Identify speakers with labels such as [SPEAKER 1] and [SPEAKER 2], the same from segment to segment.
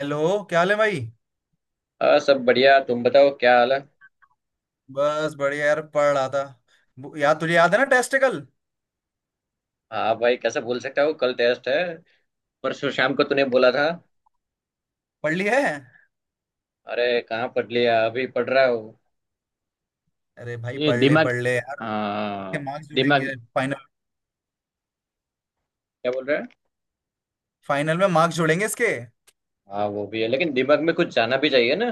[SPEAKER 1] Hello. क्या हाल है भाई?
[SPEAKER 2] सब बढ़िया। तुम बताओ क्या हाल है।
[SPEAKER 1] बस बढ़िया यार, पढ़ रहा था। यार तुझे याद है ना, टेस्ट कल?
[SPEAKER 2] हाँ भाई, कैसे भूल सकता हूँ, कल टेस्ट है। परसों शाम को तूने बोला था।
[SPEAKER 1] पढ़ ली है।
[SPEAKER 2] अरे कहाँ पढ़ लिया, अभी पढ़ रहा हूँ।
[SPEAKER 1] अरे भाई
[SPEAKER 2] ये दिमाग।
[SPEAKER 1] पढ़ ले यार, इसके
[SPEAKER 2] हाँ
[SPEAKER 1] मार्क्स
[SPEAKER 2] दिमाग।
[SPEAKER 1] जुड़ेंगे फाइनल।
[SPEAKER 2] क्या बोल रहा है।
[SPEAKER 1] फाइनल में मार्क्स जुड़ेंगे इसके।
[SPEAKER 2] हाँ वो भी है लेकिन दिमाग में कुछ जाना भी चाहिए ना।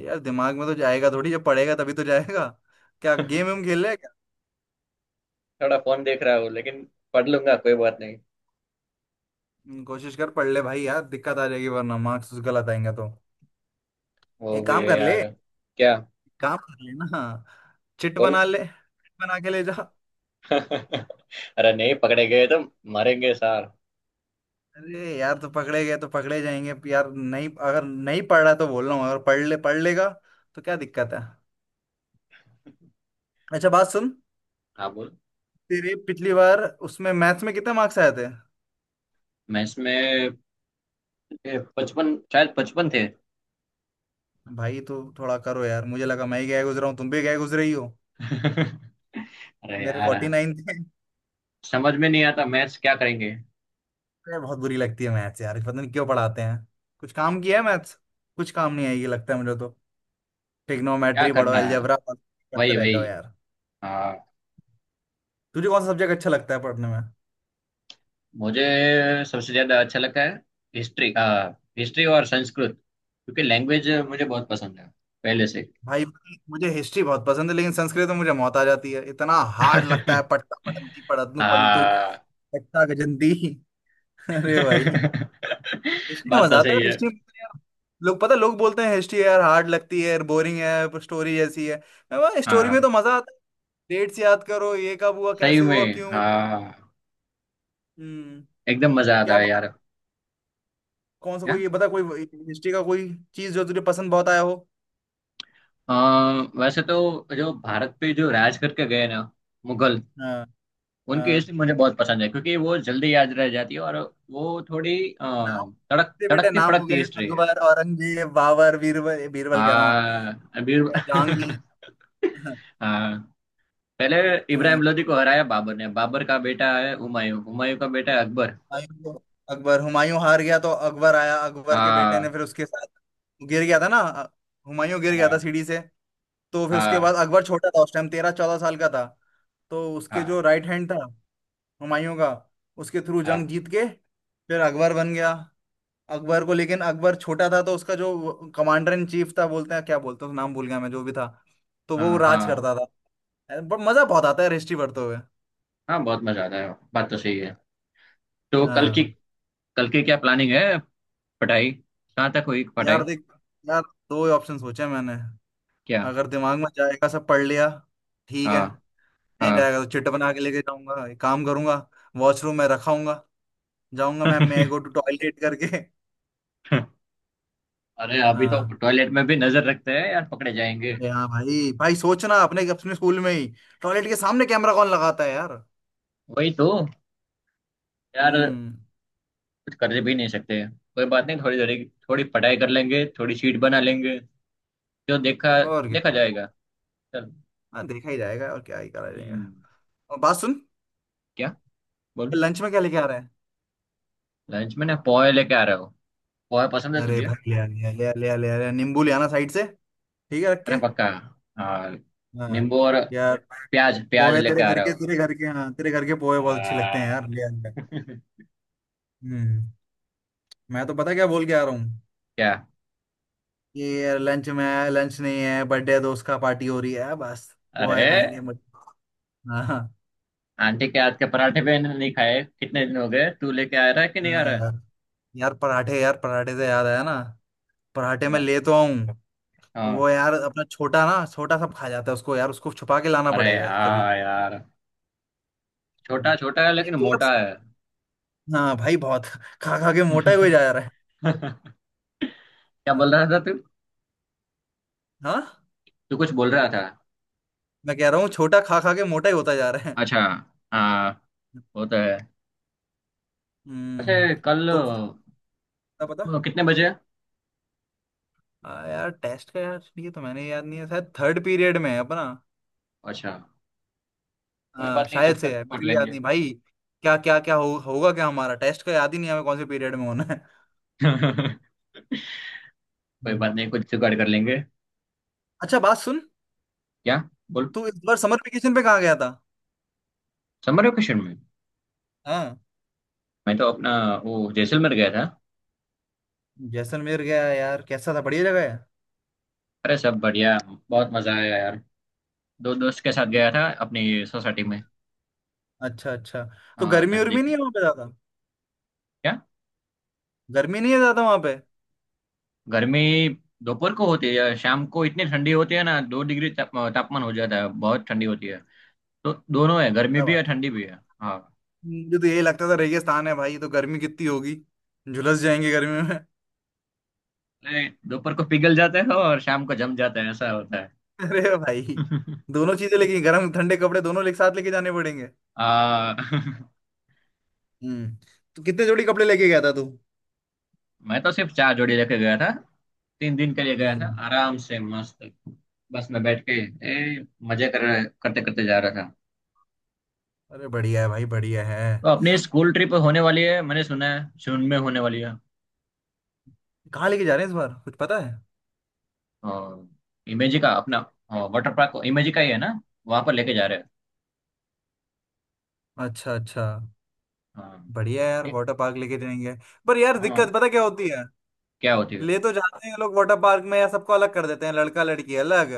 [SPEAKER 1] यार दिमाग में तो जाएगा थोड़ी, जब पढ़ेगा तभी तो जाएगा। क्या गेम वेम खेल ले क्या?
[SPEAKER 2] थोड़ा फोन देख रहा हूँ लेकिन पढ़ लूंगा, कोई बात नहीं।
[SPEAKER 1] कोशिश कर पढ़ ले भाई यार, दिक्कत आ जाएगी वरना, मार्क्स गलत आएंगे तो।
[SPEAKER 2] वो
[SPEAKER 1] एक
[SPEAKER 2] भी
[SPEAKER 1] काम
[SPEAKER 2] है
[SPEAKER 1] कर ले,
[SPEAKER 2] यार।
[SPEAKER 1] एक
[SPEAKER 2] क्या
[SPEAKER 1] काम कर ले ना। चिट
[SPEAKER 2] बोल।
[SPEAKER 1] बना ले, चिट बना के ले जा।
[SPEAKER 2] अरे नहीं, पकड़े गए तो मारेंगे सार।
[SPEAKER 1] अरे यार तो पकड़े गए तो पकड़े जाएंगे। अब यार नहीं, अगर नहीं पढ़ रहा तो बोल रहा हूँ, अगर पढ़ ले पढ़ लेगा तो क्या दिक्कत है? अच्छा बात सुन,
[SPEAKER 2] हाँ बोल।
[SPEAKER 1] तेरे पिछली बार उसमें मैथ्स में कितने मार्क्स आए थे?
[SPEAKER 2] मैं इसमें पचपन, शायद पचपन थे।
[SPEAKER 1] भाई तो थोड़ा करो यार, मुझे लगा मैं ही गया गुजरा हूँ, तुम भी गए गुजरे ही हो।
[SPEAKER 2] अरे
[SPEAKER 1] मेरे
[SPEAKER 2] यार,
[SPEAKER 1] 49 थे।
[SPEAKER 2] समझ में नहीं आता मैथ्स क्या करेंगे।
[SPEAKER 1] अरे, बहुत बुरी लगती है मैथ्स यार, पता नहीं क्यों पढ़ाते हैं। कुछ काम किया है मैथ्स? कुछ काम नहीं आएगी लगता है मुझे तो।
[SPEAKER 2] क्या
[SPEAKER 1] ट्रिग्नोमेट्री पढ़ो,
[SPEAKER 2] करना है।
[SPEAKER 1] अलजेब्रा करते
[SPEAKER 2] वही
[SPEAKER 1] रह
[SPEAKER 2] वही
[SPEAKER 1] जाओ यार।
[SPEAKER 2] आ,
[SPEAKER 1] तुझे कौन सा सब्जेक्ट अच्छा लगता है पढ़ने में?
[SPEAKER 2] मुझे सबसे ज्यादा अच्छा लगता है हिस्ट्री। हिस्ट्री और संस्कृत, क्योंकि लैंग्वेज मुझे बहुत पसंद है पहले से।
[SPEAKER 1] भाई मुझे हिस्ट्री बहुत पसंद है, लेकिन संस्कृत में मुझे मौत आ जाती है, इतना हार्ड लगता है। पढ़ता पढ़ंती पढ़तनु पंटू
[SPEAKER 2] हाँ।
[SPEAKER 1] पट्टा गजंती। अरे भाई, हिस्ट्री में
[SPEAKER 2] बात
[SPEAKER 1] मजा
[SPEAKER 2] तो
[SPEAKER 1] आता है,
[SPEAKER 2] सही है।
[SPEAKER 1] हिस्ट्री में यार। लोग पता है, लोग बोलते हैं हिस्ट्री यार हार्ड लगती है, बोरिंग है, स्टोरी जैसी है। मैं बोला स्टोरी में
[SPEAKER 2] हाँ
[SPEAKER 1] तो मजा आता है। डेट्स याद करो, ये कब हुआ,
[SPEAKER 2] सही
[SPEAKER 1] कैसे हुआ,
[SPEAKER 2] में
[SPEAKER 1] क्यों हुआ।
[SPEAKER 2] हाँ,
[SPEAKER 1] हम्म
[SPEAKER 2] एकदम मजा आता
[SPEAKER 1] क्या
[SPEAKER 2] है
[SPEAKER 1] पता।
[SPEAKER 2] यार।
[SPEAKER 1] कौन सा
[SPEAKER 2] क्या।
[SPEAKER 1] कोई, ये बता कोई हिस्ट्री का कोई चीज जो तुझे पसंद बहुत आया हो।
[SPEAKER 2] अ, वैसे तो जो भारत पे जो राज करके गए ना, मुगल,
[SPEAKER 1] हाँ,
[SPEAKER 2] उनकी
[SPEAKER 1] हाँ।
[SPEAKER 2] हिस्ट्री मुझे बहुत पसंद है क्योंकि वो जल्दी याद रह जाती है। और वो थोड़ी
[SPEAKER 1] नाम?
[SPEAKER 2] तड़क
[SPEAKER 1] दे बेटे,
[SPEAKER 2] तड़कती
[SPEAKER 1] नाम हो
[SPEAKER 2] फड़कती
[SPEAKER 1] गए हैं
[SPEAKER 2] हिस्ट्री है।
[SPEAKER 1] अकबर, औरंगजेब, बाबर, बीरबल, बीरबल कह रहा हूँ।
[SPEAKER 2] हाँ अभी।
[SPEAKER 1] जहांगीर।
[SPEAKER 2] हाँ पहले
[SPEAKER 1] अ,
[SPEAKER 2] इब्राहिम लोदी को हराया बाबर ने। बाबर का बेटा है हुमायूं, हुमायूं का बेटा है अकबर।
[SPEAKER 1] हुमायूं को- अकबर। हुमायूं हार गया तो अकबर आया, अकबर के बेटे ने
[SPEAKER 2] हाँ
[SPEAKER 1] फिर उसके साथ। गिर गया था ना हुमायूं, गिर गया था
[SPEAKER 2] हाँ
[SPEAKER 1] सीढ़ी से। तो फिर उसके
[SPEAKER 2] हाँ
[SPEAKER 1] बाद अकबर छोटा था उस टाइम, 13 14 साल का था। तो उसके जो
[SPEAKER 2] हाँ
[SPEAKER 1] राइट हैंड था हुमायूं का, उसके थ्रू जंग
[SPEAKER 2] हाँ
[SPEAKER 1] जीत के फिर अकबर बन गया। अकबर को, लेकिन अकबर छोटा था तो उसका जो कमांडर इन चीफ था, बोलते हैं क्या बोलते हैं उसका, नाम भूल गया मैं, जो भी था तो वो
[SPEAKER 2] हाँ
[SPEAKER 1] राज
[SPEAKER 2] हाँ।
[SPEAKER 1] करता था। मजा बहुत आता है हिस्ट्री पढ़ते हुए।
[SPEAKER 2] हाँ, बहुत मजा आता है, बात तो सही है। तो कल की,
[SPEAKER 1] हाँ।
[SPEAKER 2] कल की क्या प्लानिंग है। पढ़ाई कहाँ तक हुई पढ़ाई।
[SPEAKER 1] यार देख, यार दो ही ऑप्शन सोचे मैंने।
[SPEAKER 2] क्या।
[SPEAKER 1] अगर दिमाग में जाएगा सब पढ़ लिया, ठीक है।
[SPEAKER 2] हाँ
[SPEAKER 1] नहीं
[SPEAKER 2] हाँ।
[SPEAKER 1] जाएगा तो चिट बना के लेके जाऊंगा, एक काम करूंगा, वॉशरूम में रखाऊंगा। जाऊंगा, मैम मैं गो टू टॉयलेट करके।
[SPEAKER 2] अरे अभी तो
[SPEAKER 1] हाँ।
[SPEAKER 2] टॉयलेट में भी नजर रखते हैं यार, पकड़े जाएंगे।
[SPEAKER 1] अरे हाँ भाई भाई, सोचना अपने अपने स्कूल में ही टॉयलेट के सामने कैमरा कौन लगाता है यार।
[SPEAKER 2] वही तो यार,
[SPEAKER 1] हम्म
[SPEAKER 2] कुछ कर भी नहीं सकते। कोई बात नहीं, थोड़ी थोड़ी, थोड़ी पढ़ाई कर लेंगे, थोड़ी शीट बना लेंगे। जो देखा,
[SPEAKER 1] और
[SPEAKER 2] देखा
[SPEAKER 1] क्या।
[SPEAKER 2] जाएगा। चल।
[SPEAKER 1] हाँ देखा ही जाएगा, और क्या ही करा जाएगा।
[SPEAKER 2] हम्म।
[SPEAKER 1] और बात सुन,
[SPEAKER 2] क्या बोल।
[SPEAKER 1] लंच में क्या लेके आ रहे हैं?
[SPEAKER 2] लंच में ना पोहे लेके आ रहे हो, पोहे पसंद है
[SPEAKER 1] अरे
[SPEAKER 2] तुझे।
[SPEAKER 1] भाई ले आ ले आ ले आ ले आ ले आ ले आ, नींबू ले आना साइड से। ठीक है, रख
[SPEAKER 2] अरे
[SPEAKER 1] के।
[SPEAKER 2] पक्का। हाँ
[SPEAKER 1] हाँ।
[SPEAKER 2] नींबू और
[SPEAKER 1] यार
[SPEAKER 2] प्याज, प्याज
[SPEAKER 1] पोहे,
[SPEAKER 2] लेके
[SPEAKER 1] तेरे
[SPEAKER 2] आ
[SPEAKER 1] घर
[SPEAKER 2] रहे
[SPEAKER 1] के,
[SPEAKER 2] हो।
[SPEAKER 1] तेरे घर के, हाँ तेरे घर के पोहे बहुत अच्छे लगते हैं
[SPEAKER 2] हाँ।
[SPEAKER 1] यार, ले आऊंगा। हम्म मैं तो पता क्या बोल के आ रहा हूँ।
[SPEAKER 2] क्या।
[SPEAKER 1] ये लंच में, लंच नहीं है, बर्थडे दोस्त का, पार्टी हो रही है बस। पोहे
[SPEAKER 2] अरे
[SPEAKER 1] खाएंगे मुझे। हाँ हाँ,
[SPEAKER 2] आंटी के हाथ के पराठे भी नहीं खाए, कितने दिन हो गए, तू लेके आ रहा है कि नहीं आ
[SPEAKER 1] हाँ।
[SPEAKER 2] रहा है।
[SPEAKER 1] यार, यार पराठे, यार पराठे से याद आया ना, पराठे में
[SPEAKER 2] क्या।
[SPEAKER 1] ले तो आऊँ।
[SPEAKER 2] हाँ।
[SPEAKER 1] वो यार अपना छोटा ना, छोटा सब खा जाता है उसको यार, उसको छुपा के लाना
[SPEAKER 2] अरे
[SPEAKER 1] पड़ेगा कभी।
[SPEAKER 2] हाँ यार, छोटा
[SPEAKER 1] हम्म।
[SPEAKER 2] छोटा है लेकिन
[SPEAKER 1] एक किलो
[SPEAKER 2] मोटा
[SPEAKER 1] सा-
[SPEAKER 2] है।
[SPEAKER 1] हाँ भाई बहुत, खा खा के मोटा ही हो जा रहा है।
[SPEAKER 2] क्या
[SPEAKER 1] हाँ।
[SPEAKER 2] बोल रहा था तू,
[SPEAKER 1] हाँ,
[SPEAKER 2] तू कुछ बोल रहा था।
[SPEAKER 1] मैं कह रहा हूँ छोटा खा खा के मोटा ही होता जा रहा है।
[SPEAKER 2] अच्छा हाँ, वो तो है। अच्छा
[SPEAKER 1] हम्म।
[SPEAKER 2] कल
[SPEAKER 1] तो पता, पता
[SPEAKER 2] कितने बजे।
[SPEAKER 1] यार टेस्ट का यार, ये तो मैंने याद नहीं है, शायद थर्ड पीरियड में है अपना।
[SPEAKER 2] अच्छा कोई बात नहीं,
[SPEAKER 1] शायद
[SPEAKER 2] तब
[SPEAKER 1] से
[SPEAKER 2] तक
[SPEAKER 1] है,
[SPEAKER 2] पढ़
[SPEAKER 1] मुझे भी याद
[SPEAKER 2] लेंगे।
[SPEAKER 1] नहीं भाई। क्या क्या क्या हो, होगा क्या हमारा, टेस्ट का याद ही नहीं है हमें, कौन से पीरियड में होना है।
[SPEAKER 2] कोई
[SPEAKER 1] हम्म।
[SPEAKER 2] बात नहीं, कुछ जुगाड़ कर लेंगे।
[SPEAKER 1] अच्छा बात सुन,
[SPEAKER 2] क्या बोल।
[SPEAKER 1] तू इस बार समर वेकेशन पे कहाँ गया था?
[SPEAKER 2] समर वेकेशन में
[SPEAKER 1] हाँ।
[SPEAKER 2] मैं तो अपना, वो जैसलमेर गया था।
[SPEAKER 1] जैसलमेर गया यार, कैसा था, बढ़िया जगह है?
[SPEAKER 2] अरे सब बढ़िया, बहुत मजा आया यार। दो दोस्त के साथ
[SPEAKER 1] हम्म।
[SPEAKER 2] गया था अपनी सोसाइटी में।
[SPEAKER 1] अच्छा अच्छा, तो
[SPEAKER 2] हाँ
[SPEAKER 1] गर्मी उर्मी
[SPEAKER 2] नजदीक
[SPEAKER 1] नहीं
[SPEAKER 2] में।
[SPEAKER 1] है वहाँ पे ज्यादा? गर्मी नहीं है ज्यादा वहाँ पे?
[SPEAKER 2] गर्मी दोपहर को होती है या शाम को, इतनी ठंडी होती है ना, दो डिग्री ताप, तापमान हो जाता है, बहुत ठंडी होती है। तो दोनों है, गर्मी
[SPEAKER 1] क्या
[SPEAKER 2] भी
[SPEAKER 1] बात
[SPEAKER 2] है,
[SPEAKER 1] है?
[SPEAKER 2] ठंडी भी है हाँ।
[SPEAKER 1] मुझे तो यही लगता था रेगिस्तान है भाई, तो गर्मी कितनी होगी, झुलस जाएंगे गर्मी।
[SPEAKER 2] नहीं, दोपहर को पिघल जाते हैं और शाम को जम जाते हैं, ऐसा होता है।
[SPEAKER 1] अरे भाई, दोनों चीजें लेके, गर्म ठंडे कपड़े दोनों एक साथ लेके जाने पड़ेंगे।
[SPEAKER 2] आ,
[SPEAKER 1] हम्म। तो कितने जोड़ी कपड़े लेके गया था तू?
[SPEAKER 2] मैं तो सिर्फ चार जोड़ी लेके गया था। तीन दिन के लिए गया था
[SPEAKER 1] हम्म।
[SPEAKER 2] आराम से मस्त बस में बैठ के, ए, मजे कर करते करते जा रहा था।
[SPEAKER 1] अरे बढ़िया है भाई, बढ़िया है।
[SPEAKER 2] तो अपनी स्कूल ट्रिप होने वाली है, मैंने सुना है जून में होने वाली है।
[SPEAKER 1] कहाँ लेके जा रहे हैं इस बार, कुछ पता है?
[SPEAKER 2] हाँ इमेजी का अपना, हाँ वाटर पार्क इमेजी का ही है ना, वहां पर लेके जा रहे हैं।
[SPEAKER 1] अच्छा अच्छा।
[SPEAKER 2] हाँ
[SPEAKER 1] बढ़िया है यार,
[SPEAKER 2] एक।
[SPEAKER 1] वाटर पार्क लेके जाएंगे। पर यार
[SPEAKER 2] हाँ
[SPEAKER 1] दिक्कत पता क्या होती है,
[SPEAKER 2] क्या होती है।
[SPEAKER 1] ले तो जाते हैं लोग वाटर पार्क में यार, सबको अलग कर देते हैं, लड़का लड़की अलग।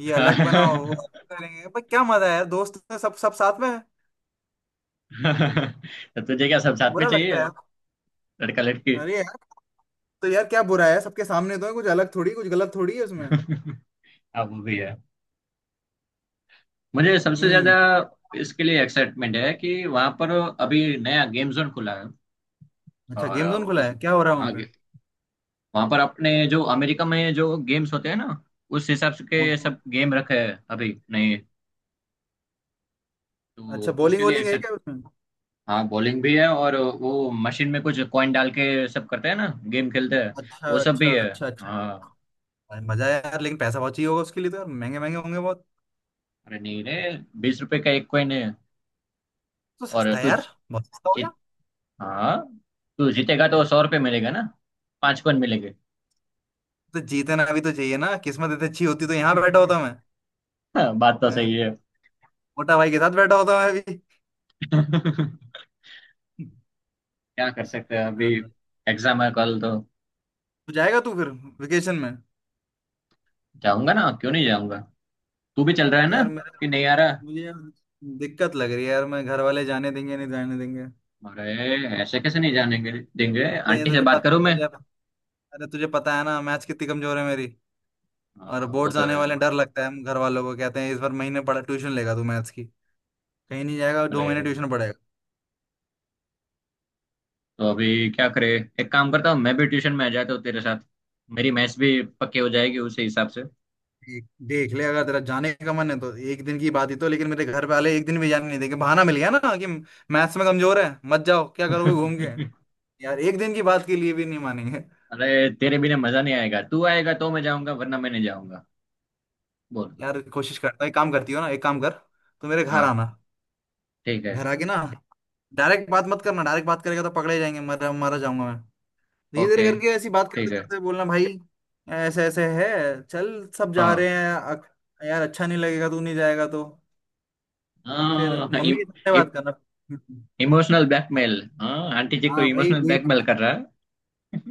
[SPEAKER 1] ये अलग बनाओ, वो अलग करेंगे, पर क्या मजा है यार, दोस्त ने सब सब साथ में है।
[SPEAKER 2] तो तुझे क्या सब
[SPEAKER 1] यार,
[SPEAKER 2] साथ में
[SPEAKER 1] बुरा लगता
[SPEAKER 2] चाहिए
[SPEAKER 1] है यार।
[SPEAKER 2] लड़का लड़की।
[SPEAKER 1] अरे यार, तो यार क्या बुरा है, सबके सामने तो है, कुछ अलग थोड़ी, कुछ गलत थोड़ी है उसमें।
[SPEAKER 2] हाँ वो भी है। मुझे सबसे ज्यादा
[SPEAKER 1] हम्म
[SPEAKER 2] इसके लिए एक्साइटमेंट है कि वहां पर अभी नया गेम जोन खुला है
[SPEAKER 1] अच्छा
[SPEAKER 2] और
[SPEAKER 1] गेम जोन खुला
[SPEAKER 2] उस,
[SPEAKER 1] है, क्या हो रहा है वहाँ
[SPEAKER 2] हाँ,
[SPEAKER 1] पे?
[SPEAKER 2] वहां पर अपने जो अमेरिका में जो गेम्स होते हैं ना, उस हिसाब से
[SPEAKER 1] कौन
[SPEAKER 2] के
[SPEAKER 1] सा?
[SPEAKER 2] सब गेम रखे हैं अभी नहीं
[SPEAKER 1] अच्छा
[SPEAKER 2] तो उसके
[SPEAKER 1] बॉलिंग
[SPEAKER 2] लिए।
[SPEAKER 1] वॉलिंग है क्या उसमें?
[SPEAKER 2] हाँ बॉलिंग भी है, और वो मशीन में कुछ कॉइन डाल के सब करते हैं ना, गेम खेलते हैं,
[SPEAKER 1] अच्छा
[SPEAKER 2] वो सब भी
[SPEAKER 1] अच्छा
[SPEAKER 2] है।
[SPEAKER 1] अच्छा अच्छा।
[SPEAKER 2] हाँ
[SPEAKER 1] अरे मजा है यार, लेकिन पैसा बहुत चाहिए होगा उसके लिए तो यार, महंगे महंगे होंगे बहुत।
[SPEAKER 2] अरे नहीं रे, बीस रुपए का एक कॉइन है।
[SPEAKER 1] तो
[SPEAKER 2] और
[SPEAKER 1] सस्ता है
[SPEAKER 2] तू
[SPEAKER 1] यार, बहुत सस्ता हो गया।
[SPEAKER 2] जीत, हाँ तू जीतेगा तो सौ रुपये मिलेगा ना, पांच कॉइन मिलेंगे।
[SPEAKER 1] तो जीतना भी तो चाहिए ना, किस्मत इतनी अच्छी होती तो यहाँ बैठा होता मैं?
[SPEAKER 2] हाँ, बात तो सही है।
[SPEAKER 1] मोटा भाई के साथ बैठा होता मैं अभी।
[SPEAKER 2] क्या कर सकते हैं अभी,
[SPEAKER 1] हाँ।
[SPEAKER 2] एग्जाम है कल तो।
[SPEAKER 1] तो जाएगा तू फिर वेकेशन में?
[SPEAKER 2] जाऊंगा ना, क्यों नहीं जाऊंगा। तू भी चल रहा है ना,
[SPEAKER 1] यार मेरे,
[SPEAKER 2] कि नहीं आ रहा।
[SPEAKER 1] मुझे यार दिक्कत लग रही है यार, मैं घर वाले जाने देंगे नहीं जाने देंगे।
[SPEAKER 2] अरे ऐसे कैसे नहीं जाने के- देंगे,
[SPEAKER 1] अरे
[SPEAKER 2] आंटी से
[SPEAKER 1] तुझे पता
[SPEAKER 2] बात करूं मैं।
[SPEAKER 1] तुझे, अरे तुझे पता है ना मैच कितनी कमजोर है मेरी। और
[SPEAKER 2] हाँ वो
[SPEAKER 1] बोर्ड्स
[SPEAKER 2] तो
[SPEAKER 1] आने
[SPEAKER 2] है।
[SPEAKER 1] वाले हैं, डर लगता है, हम घर वालों को कहते हैं इस बार महीने पढ़ा ट्यूशन लेगा तू मैथ्स की, कहीं नहीं जाएगा, दो
[SPEAKER 2] अरे
[SPEAKER 1] महीने ट्यूशन पढ़ेगा।
[SPEAKER 2] तो अभी क्या करे, एक काम करता हूँ मैं भी ट्यूशन में आ जाता हूँ तेरे साथ, मेरी मैथ्स भी पक्की हो जाएगी उसी हिसाब से।
[SPEAKER 1] देख ले, अगर तेरा जाने का मन है तो एक दिन की बात ही तो, लेकिन मेरे घर वाले एक दिन भी जाने नहीं देंगे, बहाना मिल गया ना कि मैथ्स में कमजोर है, मत जाओ, क्या करोगे घूम के। यार एक दिन की बात के लिए भी नहीं मानेंगे।
[SPEAKER 2] अरे तेरे बिना मजा नहीं आएगा, तू आएगा तो मैं जाऊंगा वरना मैं नहीं जाऊंगा। बोल।
[SPEAKER 1] यार कोशिश करता, एक काम करती हो ना, एक काम कर, तू मेरे घर
[SPEAKER 2] हाँ
[SPEAKER 1] आना।
[SPEAKER 2] ठीक है।
[SPEAKER 1] घर आके ना, डायरेक्ट बात मत करना, डायरेक्ट बात करेगा तो पकड़े जाएंगे, मर मरा जाऊंगा मैं। धीरे
[SPEAKER 2] ओके
[SPEAKER 1] धीरे करके ऐसी बात करते
[SPEAKER 2] ठीक है।
[SPEAKER 1] करते बोलना भाई। ऐसे ऐसे है, चल सब जा रहे
[SPEAKER 2] हाँ
[SPEAKER 1] हैं, यार अच्छा नहीं लगेगा तू नहीं जाएगा तो। फिर
[SPEAKER 2] हाँ।
[SPEAKER 1] मम्मी के सामने बात करना।
[SPEAKER 2] इमोशनल ब्लैकमेल, हाँ आंटी जी को
[SPEAKER 1] हाँ भाई
[SPEAKER 2] इमोशनल
[SPEAKER 1] वही,
[SPEAKER 2] ब्लैकमेल कर रहा है।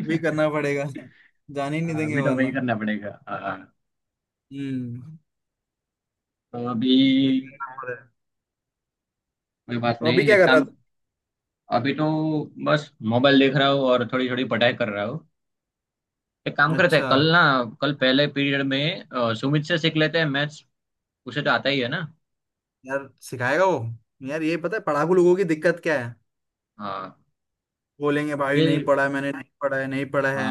[SPEAKER 1] वही करना पड़ेगा, जाने ही नहीं
[SPEAKER 2] हाँ,
[SPEAKER 1] देंगे
[SPEAKER 2] अभी तो वही
[SPEAKER 1] वरना।
[SPEAKER 2] करना पड़ेगा हाँ।
[SPEAKER 1] हम्म,
[SPEAKER 2] तो अभी,
[SPEAKER 1] यही करना पड़ेगा।
[SPEAKER 2] कोई बात
[SPEAKER 1] तो अभी
[SPEAKER 2] नहीं,
[SPEAKER 1] क्या
[SPEAKER 2] एक
[SPEAKER 1] कर रहा
[SPEAKER 2] काम। अभी तो बस मोबाइल देख रहा हूँ और थोड़ी थोड़ी पढ़ाई कर रहा हूँ। एक काम
[SPEAKER 1] था?
[SPEAKER 2] करते
[SPEAKER 1] अच्छा।
[SPEAKER 2] हैं कल ना, कल पहले पीरियड में सुमित से सीख लेते हैं मैथ्स, उसे तो आता ही है ना।
[SPEAKER 1] यार सिखाएगा वो? यार ये पता है पढ़ाकू लोगों की दिक्कत क्या है,
[SPEAKER 2] हाँ
[SPEAKER 1] बोलेंगे भाई नहीं
[SPEAKER 2] ये,
[SPEAKER 1] पढ़ा है मैंने, नहीं पढ़ा है, नहीं पढ़ा है।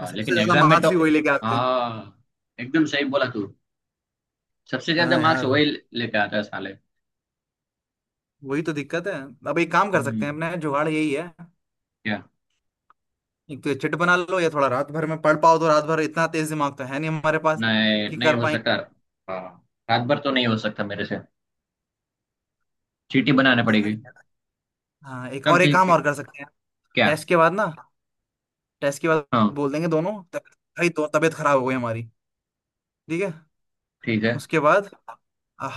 [SPEAKER 1] और सबसे
[SPEAKER 2] लेकिन
[SPEAKER 1] ज्यादा
[SPEAKER 2] एग्जाम में तो।
[SPEAKER 1] मार्क्स ही वही लेके आते हैं।
[SPEAKER 2] हाँ एकदम सही बोला तू, सबसे ज्यादा
[SPEAKER 1] हाँ
[SPEAKER 2] मार्क्स
[SPEAKER 1] यार,
[SPEAKER 2] वही लेके आता है साले।
[SPEAKER 1] वही तो दिक्कत है। अब एक काम कर सकते
[SPEAKER 2] हम्म।
[SPEAKER 1] हैं, अपने जुगाड़ यही है।
[SPEAKER 2] क्या।
[SPEAKER 1] एक तो ये चिट बना लो, या थोड़ा रात भर में पढ़ पाओ तो, रात भर इतना तेज दिमाग तो है नहीं हमारे पास
[SPEAKER 2] नहीं
[SPEAKER 1] कि
[SPEAKER 2] नहीं
[SPEAKER 1] कर
[SPEAKER 2] हो
[SPEAKER 1] पाए।
[SPEAKER 2] सकता। हाँ रात भर तो नहीं हो सकता मेरे से, चीटी बनाने
[SPEAKER 1] चलो देखा
[SPEAKER 2] पड़ेगी।
[SPEAKER 1] जाएगा। हाँ एक
[SPEAKER 2] चल
[SPEAKER 1] और, एक
[SPEAKER 2] ठीक
[SPEAKER 1] काम
[SPEAKER 2] है।
[SPEAKER 1] और कर सकते हैं,
[SPEAKER 2] क्या।
[SPEAKER 1] टेस्ट के बाद ना, टेस्ट के बाद
[SPEAKER 2] हाँ
[SPEAKER 1] बोल देंगे दोनों भाई दो तबीयत खराब हो गई हमारी, ठीक है।
[SPEAKER 2] ठीक है।
[SPEAKER 1] उसके बाद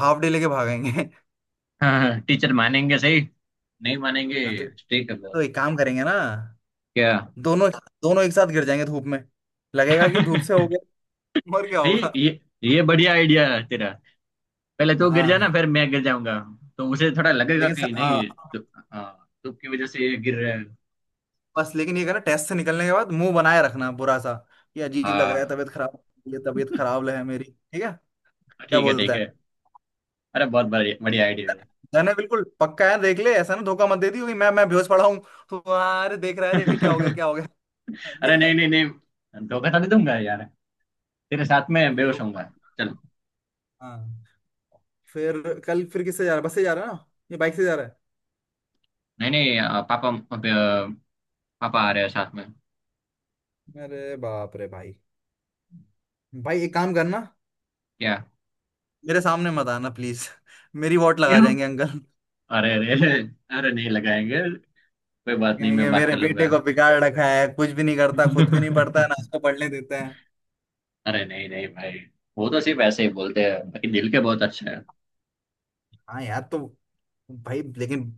[SPEAKER 1] हाफ डे लेके भागेंगे। हाँ।
[SPEAKER 2] हाँ हाँ, टीचर मानेंगे सही, नहीं मानेंगे,
[SPEAKER 1] तो,
[SPEAKER 2] स्ट्रिक्ट है
[SPEAKER 1] तो
[SPEAKER 2] बहुत।
[SPEAKER 1] एक काम करेंगे ना,
[SPEAKER 2] क्या।
[SPEAKER 1] दोनों, दोनों एक साथ गिर जाएंगे धूप में, लगेगा कि धूप से हो गया, और क्या होगा।
[SPEAKER 2] ये बढ़िया आइडिया है तेरा, पहले तू गिर जाना
[SPEAKER 1] हाँ
[SPEAKER 2] फिर मैं गिर जाऊंगा, तो उसे थोड़ा लगेगा
[SPEAKER 1] लेकिन
[SPEAKER 2] कि
[SPEAKER 1] हाँ
[SPEAKER 2] नहीं तो, हाँ धूप की वजह से ये गिर रहा है।
[SPEAKER 1] बस, लेकिन ये कह रहा टेस्ट से निकलने के बाद मुंह बनाए रखना बुरा सा, ये अजीब लग रहा है,
[SPEAKER 2] हाँ
[SPEAKER 1] तबीयत खराब, ये तबीयत खराब है मेरी, ठीक है? क्या
[SPEAKER 2] ठीक है ठीक
[SPEAKER 1] बोलता
[SPEAKER 2] है।
[SPEAKER 1] है?
[SPEAKER 2] अरे बहुत बढ़िया, बढ़िया आइडिया है।
[SPEAKER 1] जाने बिल्कुल पक्का है, देख ले ऐसा ना धोखा मत दे दियो कि मैं बेहोश पड़ा हूँ, तो "हाँ, अरे देख रहा है, अरे क्या हो गया, क्या हो गया।"
[SPEAKER 2] अरे
[SPEAKER 1] ठीक है।
[SPEAKER 2] नहीं नहीं नहीं, धोखा तो नहीं दूंगा यार, तेरे साथ में बेहोश
[SPEAKER 1] धोखा
[SPEAKER 2] होऊंगा।
[SPEAKER 1] मत।
[SPEAKER 2] चल।
[SPEAKER 1] हाँ। फिर कल फिर किससे जा रहा है, बस से जा रहा है ना? ये बाइक से जा रहा
[SPEAKER 2] नहीं नहीं पापा अब पापा आ रहे हैं साथ में।
[SPEAKER 1] है? अरे बाप रे भाई, भाई एक काम करना,
[SPEAKER 2] क्या।
[SPEAKER 1] मेरे सामने मत आना प्लीज, मेरी वोट लगा
[SPEAKER 2] क्यों।
[SPEAKER 1] जाएंगे अंकल।
[SPEAKER 2] अरे अरे अरे, अरे नहीं लगाएंगे, कोई बात नहीं मैं
[SPEAKER 1] कहेंगे
[SPEAKER 2] बात
[SPEAKER 1] मेरे
[SPEAKER 2] कर
[SPEAKER 1] बेटे
[SPEAKER 2] लूंगा।
[SPEAKER 1] को बिगाड़ रखा है, कुछ भी नहीं करता, खुद भी नहीं पढ़ता है, ना उसको पढ़ने देता है।
[SPEAKER 2] अरे नहीं नहीं भाई, वो तो सिर्फ ऐसे ही बोलते हैं, बाकी दिल के बहुत अच्छे हैं।
[SPEAKER 1] हाँ यार तो, भाई लेकिन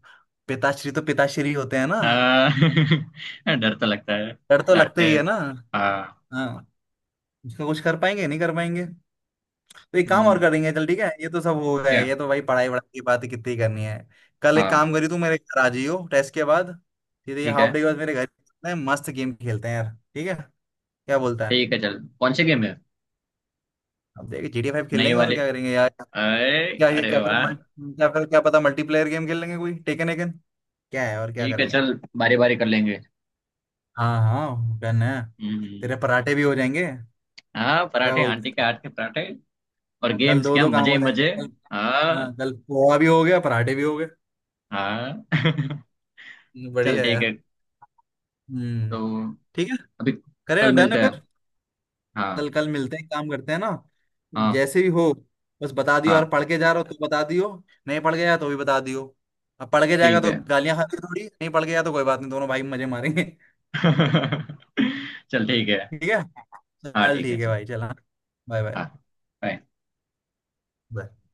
[SPEAKER 1] पिताश्री तो पिताश्री होते हैं ना,
[SPEAKER 2] आ, डर तो लगता है,
[SPEAKER 1] डर तो लगता
[SPEAKER 2] डांटते
[SPEAKER 1] ही
[SPEAKER 2] हैं
[SPEAKER 1] है ना।
[SPEAKER 2] हाँ।
[SPEAKER 1] हाँ। उसका कुछ कर पाएंगे, नहीं कर पाएंगे। तो एक काम और
[SPEAKER 2] हम्म,
[SPEAKER 1] करेंगे, चल ठीक है, ये तो सब हो गया
[SPEAKER 2] क्या।
[SPEAKER 1] है, ये तो भाई पढ़ाई वढ़ाई की बात कितनी करनी है। कल एक
[SPEAKER 2] हाँ
[SPEAKER 1] काम करी, तू मेरे घर आ जाइयो टेस्ट के बाद, सीधे ये
[SPEAKER 2] ठीक
[SPEAKER 1] हाफ
[SPEAKER 2] है।
[SPEAKER 1] डे के बाद मेरे घर चलते हैं, मस्त गेम खेलते हैं यार। ठीक है? क्या बोलता है?
[SPEAKER 2] ठीक है चल, कौन से गेम है।
[SPEAKER 1] अब देख GTA 5 खेल
[SPEAKER 2] नहीं ये
[SPEAKER 1] लेंगे, और
[SPEAKER 2] वाले,
[SPEAKER 1] क्या करेंगे यार,
[SPEAKER 2] अरे।
[SPEAKER 1] क्या क्या
[SPEAKER 2] अरे
[SPEAKER 1] क्या फिर
[SPEAKER 2] वाह।
[SPEAKER 1] मल्टी, क्या फिर क्या पता मल्टीप्लेयर गेम खेल लेंगे, कोई टेकन एकन क्या है, और क्या
[SPEAKER 2] ठीक है
[SPEAKER 1] करेंगे।
[SPEAKER 2] चल बारी बारी कर लेंगे।
[SPEAKER 1] हाँ हाँ, डन है। तेरे
[SPEAKER 2] हम्म।
[SPEAKER 1] पराठे भी हो जाएंगे।
[SPEAKER 2] हाँ
[SPEAKER 1] क्या
[SPEAKER 2] पराठे,
[SPEAKER 1] बोलते
[SPEAKER 2] आंटी के
[SPEAKER 1] हैं?
[SPEAKER 2] हाथ के पराठे और
[SPEAKER 1] हाँ, कल
[SPEAKER 2] गेम्स,
[SPEAKER 1] दो
[SPEAKER 2] क्या
[SPEAKER 1] दो काम
[SPEAKER 2] मजे ही
[SPEAKER 1] हो जाएंगे
[SPEAKER 2] मजे।
[SPEAKER 1] कल। हाँ
[SPEAKER 2] हाँ
[SPEAKER 1] कल पोहा भी हो गया, पराठे भी हो गए।
[SPEAKER 2] हाँ। चल
[SPEAKER 1] बढ़िया
[SPEAKER 2] ठीक है।
[SPEAKER 1] यार। हम्म,
[SPEAKER 2] तो
[SPEAKER 1] ठीक है,
[SPEAKER 2] अभी कल
[SPEAKER 1] करें, डन है
[SPEAKER 2] मिलते
[SPEAKER 1] फिर।
[SPEAKER 2] हैं।
[SPEAKER 1] कल,
[SPEAKER 2] हाँ
[SPEAKER 1] कल मिलते हैं, काम करते हैं ना,
[SPEAKER 2] हाँ।
[SPEAKER 1] जैसे भी हो। बस बता दियो यार,
[SPEAKER 2] हाँ
[SPEAKER 1] पढ़ के जा रहे हो तो बता दियो, नहीं पढ़ के जा तो भी बता दियो। अब पढ़ के जाएगा
[SPEAKER 2] ठीक
[SPEAKER 1] तो
[SPEAKER 2] है।
[SPEAKER 1] गालियां खाते थोड़ी, नहीं पढ़ के जा तो कोई बात नहीं, दोनों भाई मजे मारेंगे।
[SPEAKER 2] चल ठीक है।
[SPEAKER 1] ठीक है।
[SPEAKER 2] हाँ
[SPEAKER 1] चल
[SPEAKER 2] ठीक है
[SPEAKER 1] ठीक है
[SPEAKER 2] चल।
[SPEAKER 1] भाई, चला। बाय।
[SPEAKER 2] हाँ bye.
[SPEAKER 1] बाय।